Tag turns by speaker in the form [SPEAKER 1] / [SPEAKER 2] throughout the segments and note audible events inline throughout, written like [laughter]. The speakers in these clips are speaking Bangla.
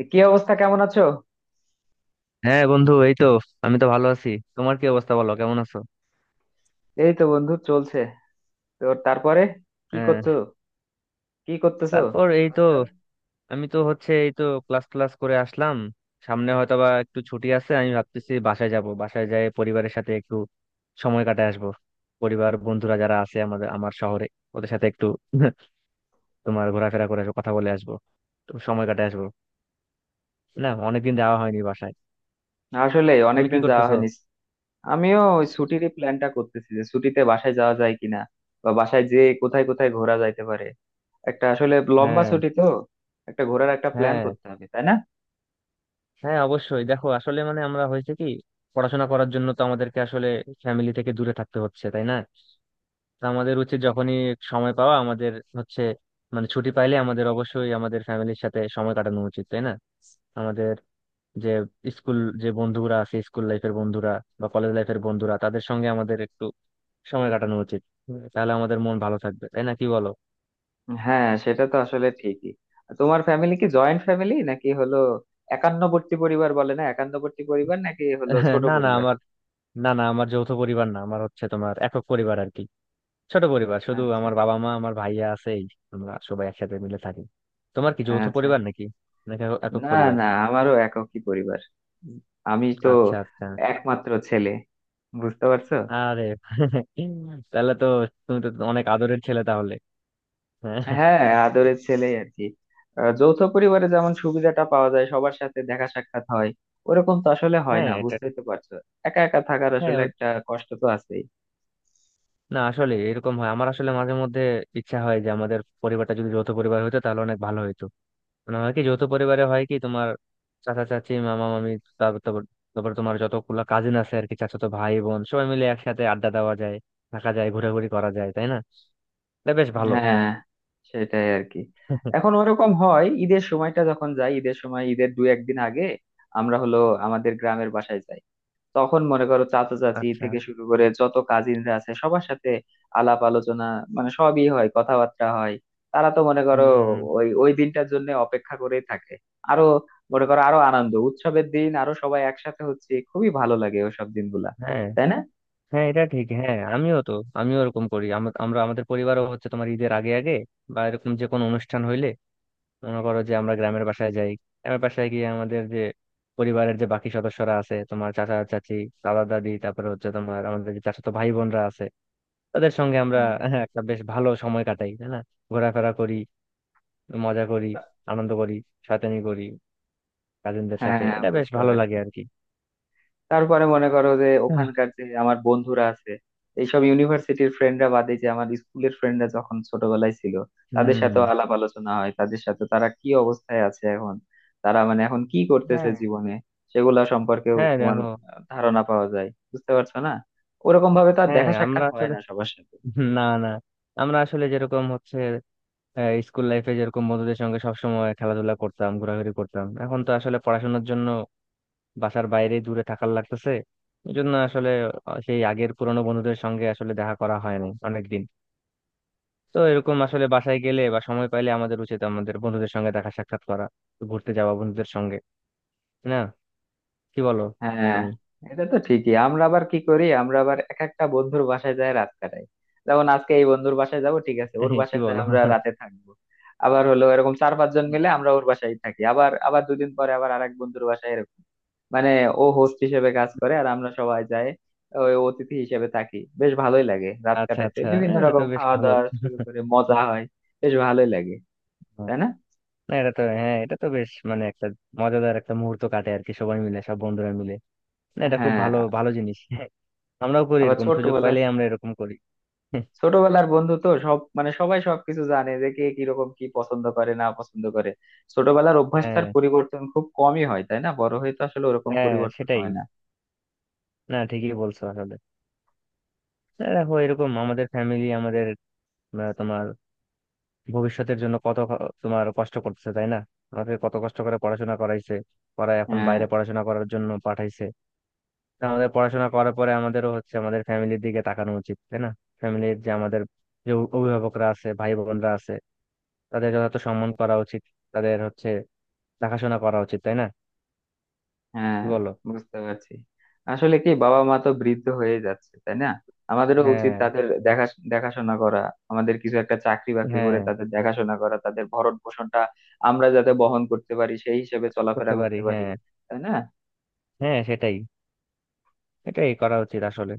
[SPEAKER 1] কি অবস্থা, কেমন আছো?
[SPEAKER 2] হ্যাঁ বন্ধু, এই তো। আমি তো ভালো আছি। তোমার কি অবস্থা, বলো কেমন আছো?
[SPEAKER 1] এই তো বন্ধু, চলছে। তো তারপরে কি
[SPEAKER 2] হ্যাঁ।
[SPEAKER 1] করছো, কি করতেছো
[SPEAKER 2] তারপর এই তো,
[SPEAKER 1] আজকাল?
[SPEAKER 2] আমি তো হচ্ছে এই তো ক্লাস ক্লাস করে আসলাম। সামনে হয়তো বা একটু ছুটি আছে। আমি ভাবতেছি বাসায় যাব, বাসায় যাই, পরিবারের সাথে একটু সময় কাটায় আসবো। পরিবার, বন্ধুরা যারা আছে আমাদের আমার শহরে, ওদের সাথে একটু [laughs] তোমার ঘোরাফেরা করে আসবো, কথা বলে আসবো, তো সময় কাটায় আসবো। না, অনেকদিন যাওয়া হয়নি বাসায়।
[SPEAKER 1] আসলে
[SPEAKER 2] তুমি কি
[SPEAKER 1] অনেকদিন যাওয়া
[SPEAKER 2] করতেছো?
[SPEAKER 1] হয়নি। আমিও ওই ছুটির প্ল্যানটা করতেছি যে ছুটিতে বাসায় যাওয়া যায় কিনা, বা বাসায় যে কোথায় কোথায় ঘোরা যাইতে পারে। একটা আসলে লম্বা
[SPEAKER 2] হ্যাঁ।
[SPEAKER 1] ছুটি তো, একটা ঘোরার একটা প্ল্যান
[SPEAKER 2] হ্যাঁ।
[SPEAKER 1] করতে হবে, তাই না?
[SPEAKER 2] হ্যাঁ, অবশ্যই। দেখো, আসলে মানে আমরা হয়েছে কি, পড়াশোনা করার জন্য তো আমাদেরকে আসলে ফ্যামিলি থেকে দূরে থাকতে হচ্ছে, তাই না? তো আমাদের উচিত যখনই সময় পাওয়া আমাদের হচ্ছে মানে ছুটি পাইলে, আমাদের অবশ্যই আমাদের ফ্যামিলির সাথে সময় কাটানো উচিত, তাই না? আমাদের যে স্কুল, যে বন্ধুরা আছে, স্কুল লাইফের বন্ধুরা বা কলেজ লাইফের বন্ধুরা, তাদের সঙ্গে আমাদের একটু সময় কাটানো উচিত। তাহলে আমাদের মন ভালো থাকবে, তাই না, কি বলো?
[SPEAKER 1] হ্যাঁ, সেটা তো আসলে ঠিকই। তোমার ফ্যামিলি কি জয়েন্ট ফ্যামিলি নাকি হলো একান্নবর্তী পরিবার, বলে না একান্নবর্তী পরিবার, নাকি হলো ছোট
[SPEAKER 2] [laughs] না না
[SPEAKER 1] পরিবার?
[SPEAKER 2] আমার না না আমার যৌথ পরিবার না, আমার হচ্ছে তোমার একক পরিবার আর কি। ছোট পরিবার, শুধু
[SPEAKER 1] আচ্ছা
[SPEAKER 2] আমার বাবা মা, আমার ভাইয়া আছে, এই আমরা সবাই একসাথে মিলে থাকি। তোমার কি যৌথ
[SPEAKER 1] আচ্ছা,
[SPEAKER 2] পরিবার নাকি? নাকি একক একক
[SPEAKER 1] না
[SPEAKER 2] পরিবার?
[SPEAKER 1] না, আমারও এককই পরিবার। আমি তো
[SPEAKER 2] আচ্ছা, আচ্ছা।
[SPEAKER 1] একমাত্র ছেলে, বুঝতে পারছো।
[SPEAKER 2] আরে, [laughs] তাহলে তো তুমি তো অনেক আদরের ছেলে তাহলে। হ্যাঁ।
[SPEAKER 1] হ্যাঁ, আদরের ছেলেই আর কি। যৌথ পরিবারে যেমন সুবিধাটা পাওয়া যায়, সবার সাথে দেখা সাক্ষাৎ হয়, ওরকম তো আসলে হয়
[SPEAKER 2] হ্যাঁ,
[SPEAKER 1] না,
[SPEAKER 2] এটা
[SPEAKER 1] বুঝতেই
[SPEAKER 2] ঠিক।
[SPEAKER 1] তো পারছো। একা একা থাকার
[SPEAKER 2] হ্যাঁ
[SPEAKER 1] আসলে একটা কষ্ট তো আছেই।
[SPEAKER 2] না, আসলে এরকম হয় আমার, আসলে মাঝে মধ্যে ইচ্ছা হয় যে আমাদের পরিবারটা যদি যৌথ পরিবার হতো তাহলে অনেক ভালো হতো। মানে হয় কি, যৌথ পরিবারে হয় কি, তোমার চাচা চাচি, মামা মামি, তারপর তারপর তারপর তোমার যতগুলো কাজিন আছে আর কি, চাচাতো ভাই বোন, সবাই মিলে একসাথে আড্ডা দেওয়া যায়, থাকা যায়, ঘোরাঘুরি করা যায়, তাই না? এটা বেশ ভালো।
[SPEAKER 1] হ্যাঁ সেটাই আর কি।
[SPEAKER 2] [laughs]
[SPEAKER 1] এখন ওরকম হয় ঈদের সময়টা যখন যাই, ঈদের সময় ঈদের দু একদিন আগে আমরা হলো আমাদের গ্রামের বাসায় যাই। তখন মনে করো চাচা চাচি
[SPEAKER 2] আচ্ছা।
[SPEAKER 1] থেকে শুরু করে যত কাজিনরা আছে সবার সাথে আলাপ আলোচনা, মানে সবই হয়, কথাবার্তা হয়। তারা তো মনে করো
[SPEAKER 2] হুম।
[SPEAKER 1] ওই ওই দিনটার জন্য অপেক্ষা করেই থাকে। আরো মনে করো, আরো আনন্দ উৎসবের দিন, আরো সবাই একসাথে হচ্ছে, খুবই ভালো লাগে ওইসব দিনগুলা,
[SPEAKER 2] হ্যাঁ,
[SPEAKER 1] তাই না?
[SPEAKER 2] হ্যাঁ, এটা ঠিক। হ্যাঁ, আমিও তো আমিও এরকম করি। আমরা আমাদের পরিবারও হচ্ছে তোমার ঈদের আগে আগে বা এরকম যে কোনো অনুষ্ঠান হইলে মনে করো যে আমরা গ্রামের বাসায় যাই। গ্রামের বাসায় গিয়ে আমাদের যে পরিবারের যে বাকি সদস্যরা আছে, তোমার চাচা চাচি, দাদা দাদি, তারপরে হচ্ছে তোমার আমাদের যে চাচাতো ভাই বোনরা আছে, তাদের সঙ্গে আমরা
[SPEAKER 1] হ্যাঁ,
[SPEAKER 2] হ্যাঁ, একটা বেশ ভালো সময় কাটাই, তাই না? ঘোরাফেরা করি, মজা করি,
[SPEAKER 1] তা-
[SPEAKER 2] আনন্দ করি, শয়তানি করি, কাজিনদের সাথে।
[SPEAKER 1] হ্যাঁ
[SPEAKER 2] এটা বেশ
[SPEAKER 1] বুঝতে
[SPEAKER 2] ভালো লাগে
[SPEAKER 1] পারছি।
[SPEAKER 2] আর কি।
[SPEAKER 1] তারপরে মনে করো যে
[SPEAKER 2] আহ,
[SPEAKER 1] ওখানকার যে আমার বন্ধুরা আছে, এইসব ইউনিভার্সিটির ফ্রেন্ডরা বাদে, যে আমার স্কুলের ফ্রেন্ডরা যখন ছোটবেলায় ছিল, তাদের সাথে
[SPEAKER 2] হুম।
[SPEAKER 1] আলাপ আলোচনা হয়, তাদের সাথে তারা কি অবস্থায় আছে এখন, তারা মানে এখন কি করতেছে
[SPEAKER 2] হ্যাঁ,
[SPEAKER 1] জীবনে, সেগুলা সম্পর্কেও
[SPEAKER 2] হ্যাঁ,
[SPEAKER 1] তোমার
[SPEAKER 2] দেখো।
[SPEAKER 1] ধারণা পাওয়া যায়, বুঝতে পারছো না? ওরকম ভাবে তো আর
[SPEAKER 2] হ্যাঁ,
[SPEAKER 1] দেখা সাক্ষাৎ
[SPEAKER 2] আমরা
[SPEAKER 1] হয়
[SPEAKER 2] আসলে
[SPEAKER 1] না সবার সাথে।
[SPEAKER 2] [laughs] না না, আমরা আসলে যেরকম হচ্ছে, স্কুল লাইফে যেরকম বন্ধুদের সঙ্গে সবসময় খেলাধুলা করতাম, ঘোরাঘুরি করতাম, এখন তো আসলে পড়াশোনার জন্য বাসার বাইরে দূরে থাকার লাগতেছে। এই জন্য আসলে সেই আগের পুরোনো বন্ধুদের সঙ্গে আসলে দেখা করা হয় না অনেকদিন। তো এরকম আসলে বাসায় গেলে বা সময় পাইলে আমাদের উচিত আমাদের বন্ধুদের সঙ্গে দেখা সাক্ষাৎ করা, ঘুরতে যাওয়া বন্ধুদের সঙ্গে। না, কি বলো?
[SPEAKER 1] হ্যাঁ,
[SPEAKER 2] তুমি
[SPEAKER 1] এটা তো ঠিকই। আমরা আবার কি করি, আমরা আবার এক একটা বন্ধুর বাসায় যায় রাত কাটাই। যেমন আজকে এই বন্ধুর বাসায় যাব, ঠিক আছে ওর
[SPEAKER 2] [laughs] কি
[SPEAKER 1] বাসায় যায়
[SPEAKER 2] বলো?
[SPEAKER 1] আমরা রাতে থাকবো। আবার হলো এরকম চার পাঁচ জন মিলে আমরা ওর বাসায় থাকি, আবার আবার দুদিন পরে আবার আরেক বন্ধুর বাসায়, এরকম। মানে ও হোস্ট হিসেবে কাজ করে আর আমরা সবাই যাই ওই অতিথি হিসেবে থাকি। বেশ ভালোই লাগে রাত
[SPEAKER 2] আচ্ছা,
[SPEAKER 1] কাটাইতে,
[SPEAKER 2] আচ্ছা।
[SPEAKER 1] বিভিন্ন
[SPEAKER 2] হ্যাঁ, এটা তো
[SPEAKER 1] রকম
[SPEAKER 2] বেশ
[SPEAKER 1] খাওয়া
[SPEAKER 2] ভালো।
[SPEAKER 1] দাওয়া শুরু করে মজা হয়। বেশ ভালোই লাগে,
[SPEAKER 2] হ্যাঁ,
[SPEAKER 1] তাই না?
[SPEAKER 2] না, এটা তো হ্যাঁ, এটা তো বেশ মানে একটা মজাদার একটা মুহূর্ত কাটে আর কি, সবাই মিলে, সব বন্ধুরা মিলে। না, এটা খুব
[SPEAKER 1] হ্যাঁ।
[SPEAKER 2] ভালো ভালো জিনিস। [laughs] হ্যাঁ, আমরাও করি
[SPEAKER 1] আবার
[SPEAKER 2] এরকম। সুযোগ
[SPEAKER 1] ছোটবেলায়,
[SPEAKER 2] পাইলে আমরা এরকম করি। [laughs]
[SPEAKER 1] ছোটবেলার বন্ধু তো সব, মানে সবাই সবকিছু জানে, যে কে কিরকম, কি পছন্দ করে না পছন্দ করে। ছোটবেলার অভ্যাসটার
[SPEAKER 2] হ্যাঁ,
[SPEAKER 1] পরিবর্তন খুব কমই হয়, তাই না? বড় হয়ে তো আসলে ওরকম
[SPEAKER 2] হ্যাঁ
[SPEAKER 1] পরিবর্তন
[SPEAKER 2] সেটাই।
[SPEAKER 1] হয় না।
[SPEAKER 2] না, ঠিকই বলছো আসলে। দেখো, এরকম আমাদের ফ্যামিলি, আমাদের তোমার ভবিষ্যতের জন্য কত তোমার কষ্ট করতেছে, তাই না? আমাকে কত কষ্ট করে পড়াশোনা করাইছে, পড়ায়, এখন
[SPEAKER 1] হ্যাঁ,
[SPEAKER 2] বাইরে পড়াশোনা করার জন্য পাঠাইছে। তা আমাদের পড়াশোনা করার পরে আমাদেরও হচ্ছে আমাদের ফ্যামিলির দিকে তাকানো উচিত, তাই না? ফ্যামিলির যে আমাদের যে অভিভাবকরা আছে, ভাই বোনরা আছে, তাদের যথাযথ সম্মান করা উচিত। তাদের হচ্ছে দেখাশোনা করা উচিত, তাই না,
[SPEAKER 1] হ্যাঁ
[SPEAKER 2] কি বলো?
[SPEAKER 1] বুঝতে পারছি। আসলে কি, বাবা মা তো বৃদ্ধ হয়ে যাচ্ছে, তাই না? আমাদেরও উচিত
[SPEAKER 2] হ্যাঁ,
[SPEAKER 1] তাদের দেখাশোনা করা। আমাদের কিছু একটা চাকরি বাকরি করে
[SPEAKER 2] হ্যাঁ,
[SPEAKER 1] তাদের দেখাশোনা করা, তাদের ভরণ পোষণটা আমরা যাতে বহন করতে পারি, সেই হিসেবে চলাফেরা
[SPEAKER 2] করতে পারি
[SPEAKER 1] করতে পারি,
[SPEAKER 2] হ্যাঁ।
[SPEAKER 1] তাই না?
[SPEAKER 2] হ্যাঁ সেটাই। এটাই করা উচিত আসলে।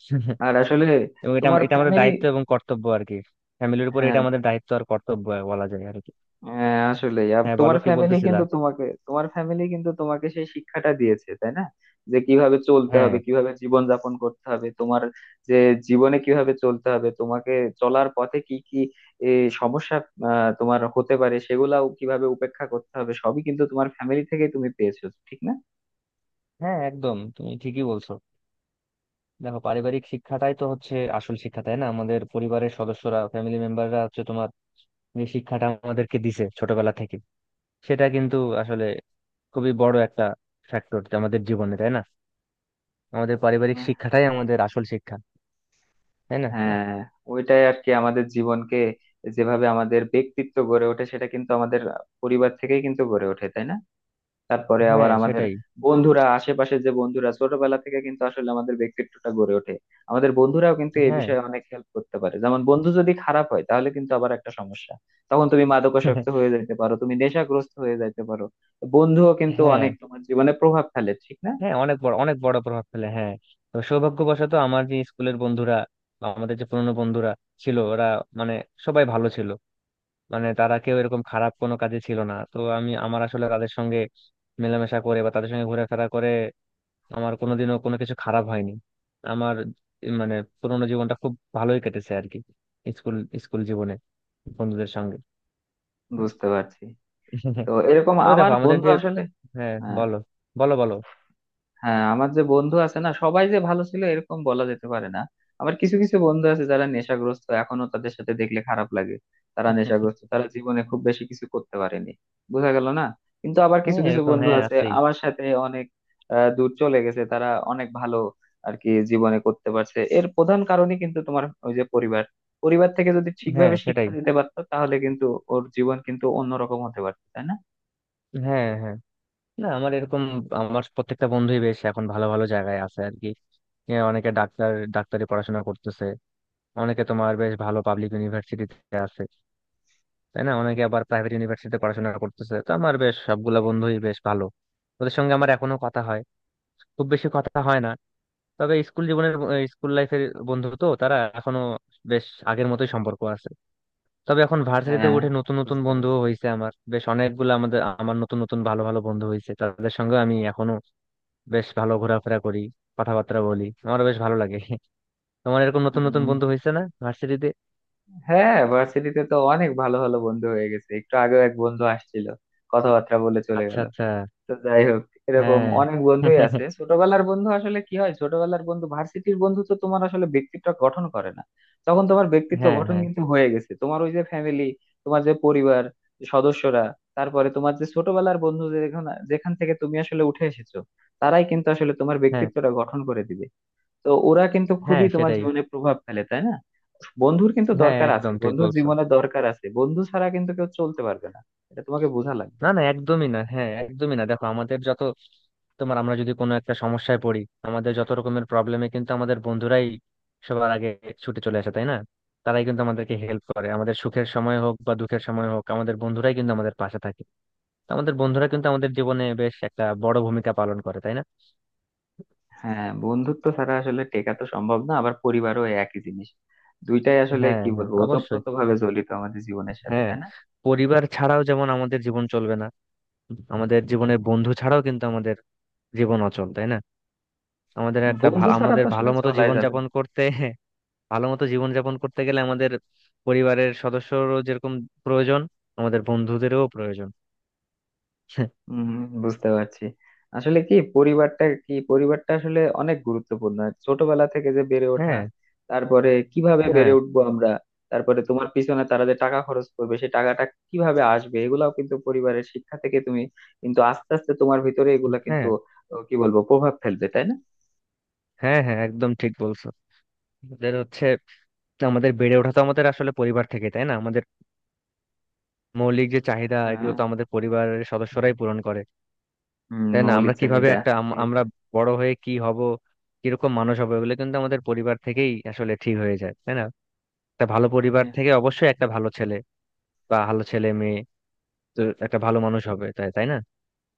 [SPEAKER 2] [laughs]
[SPEAKER 1] আর আসলে
[SPEAKER 2] এবং এটা
[SPEAKER 1] তোমার
[SPEAKER 2] এটা আমাদের
[SPEAKER 1] ফ্যামিলি,
[SPEAKER 2] দায়িত্ব এবং কর্তব্য আর কি। ফ্যামিলির উপরে এটা
[SPEAKER 1] হ্যাঁ
[SPEAKER 2] আমাদের দায়িত্ব আর কর্তব্য বলা যায় আর কি।
[SPEAKER 1] হ্যাঁ আসলে
[SPEAKER 2] হ্যাঁ, বলো, কি বলতেছিলা?
[SPEAKER 1] তোমার ফ্যামিলি কিন্তু তোমাকে সেই শিক্ষাটা দিয়েছে, তাই না? যে কিভাবে চলতে
[SPEAKER 2] হ্যাঁ,
[SPEAKER 1] হবে, কিভাবে জীবন যাপন করতে হবে তোমার, যে জীবনে কিভাবে চলতে হবে তোমাকে, চলার পথে কি কি এ, সমস্যা তোমার হতে পারে, সেগুলাও কিভাবে উপেক্ষা করতে হবে, সবই কিন্তু তোমার ফ্যামিলি থেকে তুমি পেয়েছো, ঠিক না?
[SPEAKER 2] হ্যাঁ, একদম তুমি ঠিকই বলছো। দেখো, পারিবারিক শিক্ষাটাই তো হচ্ছে আসল শিক্ষা, তাই না? আমাদের পরিবারের সদস্যরা, ফ্যামিলি মেম্বাররা হচ্ছে তোমার যে শিক্ষাটা আমাদেরকে দিছে ছোটবেলা থেকে, সেটা কিন্তু আসলে খুবই বড় একটা ফ্যাক্টর আমাদের জীবনে, তাই না? আমাদের পারিবারিক শিক্ষাটাই আমাদের আসল শিক্ষা, তাই না?
[SPEAKER 1] হ্যাঁ। ওইটাই আর কি, আমাদের জীবনকে, যেভাবে আমাদের ব্যক্তিত্ব গড়ে ওঠে, সেটা কিন্তু আমাদের পরিবার থেকেই কিন্তু গড়ে ওঠে, তাই না? তারপরে আবার
[SPEAKER 2] হ্যাঁ
[SPEAKER 1] আমাদের
[SPEAKER 2] সেটাই।
[SPEAKER 1] বন্ধুরা, আশেপাশে যে বন্ধুরা ছোটবেলা থেকে, কিন্তু আসলে আমাদের ব্যক্তিত্বটা গড়ে ওঠে, আমাদের বন্ধুরাও কিন্তু এই
[SPEAKER 2] হ্যাঁ,
[SPEAKER 1] বিষয়ে অনেক হেল্প করতে পারে। যেমন বন্ধু যদি খারাপ হয় তাহলে কিন্তু আবার একটা সমস্যা, তখন তুমি মাদকাসক্ত হয়ে যাইতে পারো, তুমি নেশাগ্রস্ত হয়ে যাইতে পারো। তো বন্ধুও কিন্তু
[SPEAKER 2] হ্যাঁ।
[SPEAKER 1] অনেক তোমার জীবনে প্রভাব ফেলে, ঠিক না?
[SPEAKER 2] হ্যাঁ, অনেক বড় প্রভাব ফেলে, হ্যাঁ। তো সৌভাগ্যবশত আমার যে স্কুলের বন্ধুরা বা আমাদের যে পুরনো বন্ধুরা ছিল, ওরা মানে সবাই ভালো ছিল। মানে তারা কেউ এরকম খারাপ কোনো কাজে ছিল না। তো আমি আমার আসলে তাদের সঙ্গে মেলামেশা করে বা তাদের সঙ্গে ঘোরাফেরা করে আমার কোনোদিনও কোনো কিছু খারাপ হয়নি। আমার মানে পুরোনো জীবনটা খুব ভালোই কেটেছে আর কি, স্কুল, স্কুল জীবনে বন্ধুদের সঙ্গে।
[SPEAKER 1] বুঝতে পারছি। তো
[SPEAKER 2] [laughs]
[SPEAKER 1] এরকম
[SPEAKER 2] তবে
[SPEAKER 1] আমার
[SPEAKER 2] দেখো আমাদের
[SPEAKER 1] বন্ধু
[SPEAKER 2] যে
[SPEAKER 1] আসলে,
[SPEAKER 2] হ্যাঁ,
[SPEAKER 1] হ্যাঁ
[SPEAKER 2] বলো, বলো।
[SPEAKER 1] হ্যাঁ আমার যে বন্ধু আছে না, সবাই যে ভালো ছিল এরকম বলা যেতে পারে না। আবার কিছু কিছু বন্ধু আছে যারা নেশাগ্রস্ত এখনো, তাদের সাথে দেখলে খারাপ লাগে। তারা
[SPEAKER 2] [laughs]
[SPEAKER 1] নেশাগ্রস্ত, তারা জীবনে খুব বেশি কিছু করতে পারেনি, বোঝা গেল না। কিন্তু আবার কিছু
[SPEAKER 2] হ্যাঁ,
[SPEAKER 1] কিছু
[SPEAKER 2] এরকম
[SPEAKER 1] বন্ধু
[SPEAKER 2] হ্যাঁ
[SPEAKER 1] আছে
[SPEAKER 2] আছেই।
[SPEAKER 1] আমার সাথে অনেক দূর চলে গেছে, তারা অনেক ভালো আর কি জীবনে করতে পারছে। এর প্রধান কারণই কিন্তু তোমার ওই যে পরিবার, পরিবার থেকে যদি
[SPEAKER 2] হ্যাঁ
[SPEAKER 1] ঠিকভাবে শিক্ষা
[SPEAKER 2] সেটাই।
[SPEAKER 1] দিতে পারতো তাহলে কিন্তু ওর জীবন কিন্তু অন্যরকম হতে পারতো, তাই না?
[SPEAKER 2] হ্যাঁ, হ্যাঁ। না, আমার এরকম আমার প্রত্যেকটা বন্ধুই বেশ এখন ভালো ভালো জায়গায় আছে আর কি। অনেকে ডাক্তার, ডাক্তারি পড়াশোনা করতেছে, অনেকে তোমার বেশ ভালো পাবলিক ইউনিভার্সিটিতে আছে, তাই না? অনেকে আবার প্রাইভেট ইউনিভার্সিটিতে পড়াশোনা করতেছে। তো আমার বেশ সবগুলা বন্ধুই বেশ ভালো। ওদের সঙ্গে আমার এখনো কথা হয়, খুব বেশি কথা হয় না। তবে স্কুল জীবনের স্কুল লাইফের বন্ধু তো তারা এখনো বেশ আগের মতোই সম্পর্ক আছে। তবে এখন ভার্সিটিতে
[SPEAKER 1] হ্যাঁ
[SPEAKER 2] উঠে নতুন নতুন
[SPEAKER 1] বুঝতে
[SPEAKER 2] বন্ধু
[SPEAKER 1] পারছি।
[SPEAKER 2] হয়েছে আমার বেশ অনেকগুলো। আমাদের আমার নতুন নতুন ভালো ভালো বন্ধু হয়েছে, তাদের সঙ্গে আমি এখনো বেশ ভালো ঘোরাফেরা করি, কথাবার্তা বলি, আমার বেশ ভালো লাগে। তোমার এরকম নতুন নতুন
[SPEAKER 1] হম,
[SPEAKER 2] বন্ধু হয়েছে না ভার্সিটিতে?
[SPEAKER 1] হ্যাঁ ভার্সিটিতে তো অনেক ভালো ভালো বন্ধু হয়ে গেছে, একটু আগেও এক বন্ধু আসছিল, কথাবার্তা বলে চলে
[SPEAKER 2] আচ্ছা,
[SPEAKER 1] গেল।
[SPEAKER 2] আচ্ছা।
[SPEAKER 1] তো যাই হোক, এরকম
[SPEAKER 2] হ্যাঁ।
[SPEAKER 1] অনেক বন্ধুই
[SPEAKER 2] [laughs]
[SPEAKER 1] আছে। ছোটবেলার বন্ধু আসলে কি হয়, ছোটবেলার বন্ধু ভার্সিটির বন্ধু তো তোমার আসলে ব্যক্তিত্ব গঠন করে না, তখন তোমার ব্যক্তিত্ব
[SPEAKER 2] হ্যাঁ,
[SPEAKER 1] গঠন
[SPEAKER 2] হ্যাঁ,
[SPEAKER 1] কিন্তু হয়ে গেছে তোমার ওই যে ফ্যামিলি, তোমার যে পরিবার সদস্যরা, তারপরে তোমার যে ছোটবেলার বন্ধু, যেখান যেখান থেকে তুমি আসলে উঠে এসেছো, তারাই কিন্তু আসলে তোমার
[SPEAKER 2] হ্যাঁ।
[SPEAKER 1] ব্যক্তিত্বটা গঠন করে দিবে। তো ওরা কিন্তু
[SPEAKER 2] হ্যাঁ
[SPEAKER 1] খুবই তোমার
[SPEAKER 2] সেটাই।
[SPEAKER 1] জীবনে প্রভাব ফেলে, তাই না? বন্ধুর কিন্তু
[SPEAKER 2] হ্যাঁ,
[SPEAKER 1] দরকার আছে,
[SPEAKER 2] একদম ঠিক
[SPEAKER 1] বন্ধুর
[SPEAKER 2] বলছো।
[SPEAKER 1] জীবনে দরকার আছে, বন্ধু ছাড়া কিন্তু কেউ চলতে পারবে না, এটা তোমাকে বোঝা লাগবে।
[SPEAKER 2] না না, একদমই না। হ্যাঁ, একদমই না। দেখো, আমাদের যত তোমার আমরা যদি কোনো একটা সমস্যায় পড়ি, আমাদের যত রকমের প্রবলেমে কিন্তু আমাদের বন্ধুরাই সবার আগে ছুটে চলে আসে, তাই না? তারাই কিন্তু আমাদেরকে হেল্প করে। আমাদের সুখের সময় হোক বা দুঃখের সময় হোক, আমাদের বন্ধুরাই কিন্তু আমাদের পাশে থাকে। তো আমাদের বন্ধুরা কিন্তু আমাদের জীবনে বেশ একটা বড় ভূমিকা পালন করে, তাই না?
[SPEAKER 1] হ্যাঁ বন্ধুত্ব ছাড়া আসলে টেকা তো সম্ভব না, আবার পরিবারও একই জিনিস। দুইটাই আসলে
[SPEAKER 2] হ্যাঁ,
[SPEAKER 1] কি
[SPEAKER 2] হ্যাঁ,
[SPEAKER 1] বলবো,
[SPEAKER 2] অবশ্যই।
[SPEAKER 1] ওতপ্রোত ভাবে জড়িত আমাদের জীবনের সাথে,
[SPEAKER 2] হ্যাঁ।
[SPEAKER 1] তাই না?
[SPEAKER 2] পরিবার ছাড়াও যেমন আমাদের জীবন চলবে না, আমাদের জীবনের বন্ধু ছাড়াও কিন্তু আমাদের জীবন অচল, তাই না? আমাদের একটা
[SPEAKER 1] বন্ধু ছাড়া
[SPEAKER 2] আমাদের
[SPEAKER 1] তো আসলে
[SPEAKER 2] ভালো মতো
[SPEAKER 1] চলাই
[SPEAKER 2] জীবন
[SPEAKER 1] যাবে
[SPEAKER 2] যাপন
[SPEAKER 1] না।
[SPEAKER 2] করতে [laughs] ভালো মতো জীবন যাপন করতে গেলে আমাদের পরিবারের সদস্যরও যেরকম প্রয়োজন, আমাদের বন্ধুদেরও প্রয়োজন। [laughs]
[SPEAKER 1] হম বুঝতে পারছি। আসলে কি পরিবারটা আসলে অনেক গুরুত্বপূর্ণ। ছোটবেলা থেকে যে বেড়ে ওঠা,
[SPEAKER 2] হ্যাঁ,
[SPEAKER 1] তারপরে কিভাবে বেড়ে
[SPEAKER 2] হ্যাঁ,
[SPEAKER 1] উঠবো আমরা, তারপরে তোমার পিছনে তারা যে টাকা খরচ করবে, সেই টাকাটা কিভাবে আসবে, এগুলাও কিন্তু পরিবারের শিক্ষা থেকে তুমি কিন্তু আস্তে আস্তে তোমার ভিতরে এগুলা কিন্তু
[SPEAKER 2] হ্যাঁ,
[SPEAKER 1] কি বলবো, প্রভাব ফেলবে, তাই না?
[SPEAKER 2] হ্যাঁ। হ্যাঁ, একদম ঠিক বলছো। আমাদের হচ্ছে আমাদের বেড়ে ওঠা তো আমাদের আসলে পরিবার থেকে, তাই না? আমাদের মৌলিক যে চাহিদা,
[SPEAKER 1] হ্যাঁ।
[SPEAKER 2] এগুলো তো আমাদের পরিবারের সদস্যরাই পূরণ করে।
[SPEAKER 1] হম,
[SPEAKER 2] তাই না? আমরা
[SPEAKER 1] মৌলিক
[SPEAKER 2] কিভাবে
[SPEAKER 1] চাহিদা।
[SPEAKER 2] একটা
[SPEAKER 1] ঠিক
[SPEAKER 2] আমরা
[SPEAKER 1] আছে।
[SPEAKER 2] বড় হয়ে কি হব, কিরকম মানুষ হবো, এগুলো কিন্তু আমাদের পরিবার থেকেই আসলে ঠিক হয়ে যায়, তাই না? একটা ভালো পরিবার
[SPEAKER 1] হ্যাঁ।
[SPEAKER 2] থেকে অবশ্যই একটা ভালো ছেলে বা ভালো ছেলে মেয়ে, তো একটা ভালো মানুষ হবে তাই, তাই না,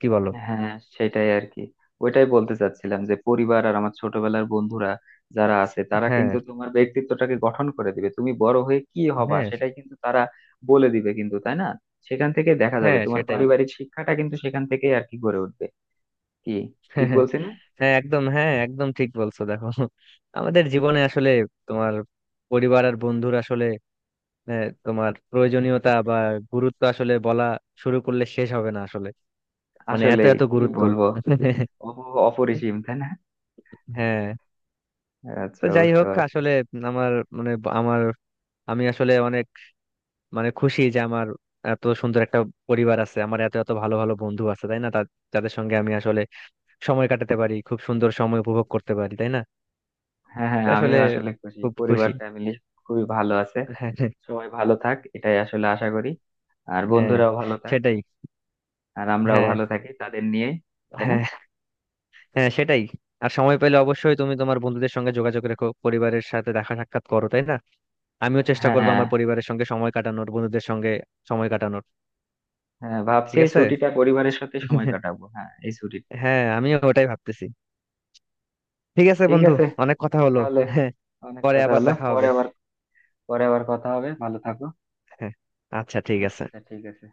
[SPEAKER 2] কি বলো?
[SPEAKER 1] হ্যাঁ সেটাই আর কি, ওইটাই বলতে চাচ্ছিলাম যে পরিবার আর আমার ছোটবেলার বন্ধুরা যারা আছে, তারা
[SPEAKER 2] হ্যাঁ,
[SPEAKER 1] কিন্তু তোমার ব্যক্তিত্বটাকে গঠন করে দিবে। তুমি বড় হয়ে কি হবা,
[SPEAKER 2] হ্যাঁ।
[SPEAKER 1] সেটাই কিন্তু তারা বলে দিবে কিন্তু, তাই না? সেখান থেকে দেখা যাবে
[SPEAKER 2] হ্যাঁ
[SPEAKER 1] তোমার
[SPEAKER 2] সেটাই।
[SPEAKER 1] পারিবারিক শিক্ষাটা কিন্তু সেখান থেকেই আর কি গড়ে উঠবে। কি, ঠিক
[SPEAKER 2] [laughs]
[SPEAKER 1] বলছি না?
[SPEAKER 2] হ্যাঁ একদম, হ্যাঁ একদম ঠিক বলছো। দেখো, আমাদের জীবনে আসলে তোমার পরিবার আর বন্ধুর আসলে তোমার প্রয়োজনীয়তা বা গুরুত্ব আসলে বলা শুরু করলে শেষ হবে না আসলে, মানে
[SPEAKER 1] আসলে
[SPEAKER 2] এত এত
[SPEAKER 1] কি
[SPEAKER 2] গুরুত্ব।
[SPEAKER 1] বলবো,
[SPEAKER 2] [laughs]
[SPEAKER 1] অপরিসীম, তাই না?
[SPEAKER 2] হ্যাঁ। তো
[SPEAKER 1] আচ্ছা
[SPEAKER 2] যাই
[SPEAKER 1] বুঝতে
[SPEAKER 2] হোক
[SPEAKER 1] পারছি।
[SPEAKER 2] আসলে আমার মানে আমার, আমি আসলে অনেক মানে খুশি যে আমার এত সুন্দর একটা পরিবার আছে, আমার এত এত ভালো ভালো বন্ধু আছে, তাই না? যাদের সঙ্গে আমি আসলে সময় কাটাতে পারি, খুব সুন্দর সময় উপভোগ করতে পারি, তাই না?
[SPEAKER 1] হ্যাঁ হ্যাঁ,
[SPEAKER 2] তো আসলে
[SPEAKER 1] আমিও আসলে খুশি,
[SPEAKER 2] খুব
[SPEAKER 1] পরিবার
[SPEAKER 2] খুশি।
[SPEAKER 1] ফ্যামিলি খুবই ভালো আছে।
[SPEAKER 2] হ্যাঁ, হ্যাঁ।
[SPEAKER 1] সবাই ভালো থাক, এটাই আসলে আশা করি। আর
[SPEAKER 2] হ্যাঁ,
[SPEAKER 1] বন্ধুরাও ভালো থাক,
[SPEAKER 2] সেটাই।
[SPEAKER 1] আর আমরাও
[SPEAKER 2] হ্যাঁ,
[SPEAKER 1] ভালো থাকি তাদের নিয়ে, তাই না?
[SPEAKER 2] হ্যাঁ। হ্যাঁ সেটাই। আর সময় পেলে অবশ্যই তুমি তোমার বন্ধুদের সঙ্গে যোগাযোগ রেখো, পরিবারের সাথে দেখা সাক্ষাৎ করো, তাই না? আমিও চেষ্টা
[SPEAKER 1] হ্যাঁ,
[SPEAKER 2] করবো
[SPEAKER 1] হ্যাঁ।
[SPEAKER 2] আমার পরিবারের সঙ্গে সময় কাটানোর, বন্ধুদের সঙ্গে সময় কাটানোর।
[SPEAKER 1] হ্যাঁ, ভাবছি
[SPEAKER 2] ঠিক
[SPEAKER 1] এই
[SPEAKER 2] আছে।
[SPEAKER 1] ছুটিটা পরিবারের সাথে সময় কাটাবো, হ্যাঁ এই ছুটি।
[SPEAKER 2] হ্যাঁ, আমিও ওটাই ভাবতেছি। ঠিক আছে
[SPEAKER 1] ঠিক
[SPEAKER 2] বন্ধু,
[SPEAKER 1] আছে
[SPEAKER 2] অনেক কথা হলো।
[SPEAKER 1] তাহলে,
[SPEAKER 2] [laughs] হ্যাঁ,
[SPEAKER 1] অনেক
[SPEAKER 2] পরে
[SPEAKER 1] কথা
[SPEAKER 2] আবার
[SPEAKER 1] হলো,
[SPEAKER 2] দেখা
[SPEAKER 1] পরে
[SPEAKER 2] হবে।
[SPEAKER 1] আবার, পরে আবার কথা হবে। ভালো থাকো।
[SPEAKER 2] হ্যাঁ, আচ্ছা, ঠিক আছে।
[SPEAKER 1] আচ্ছা ঠিক আছে।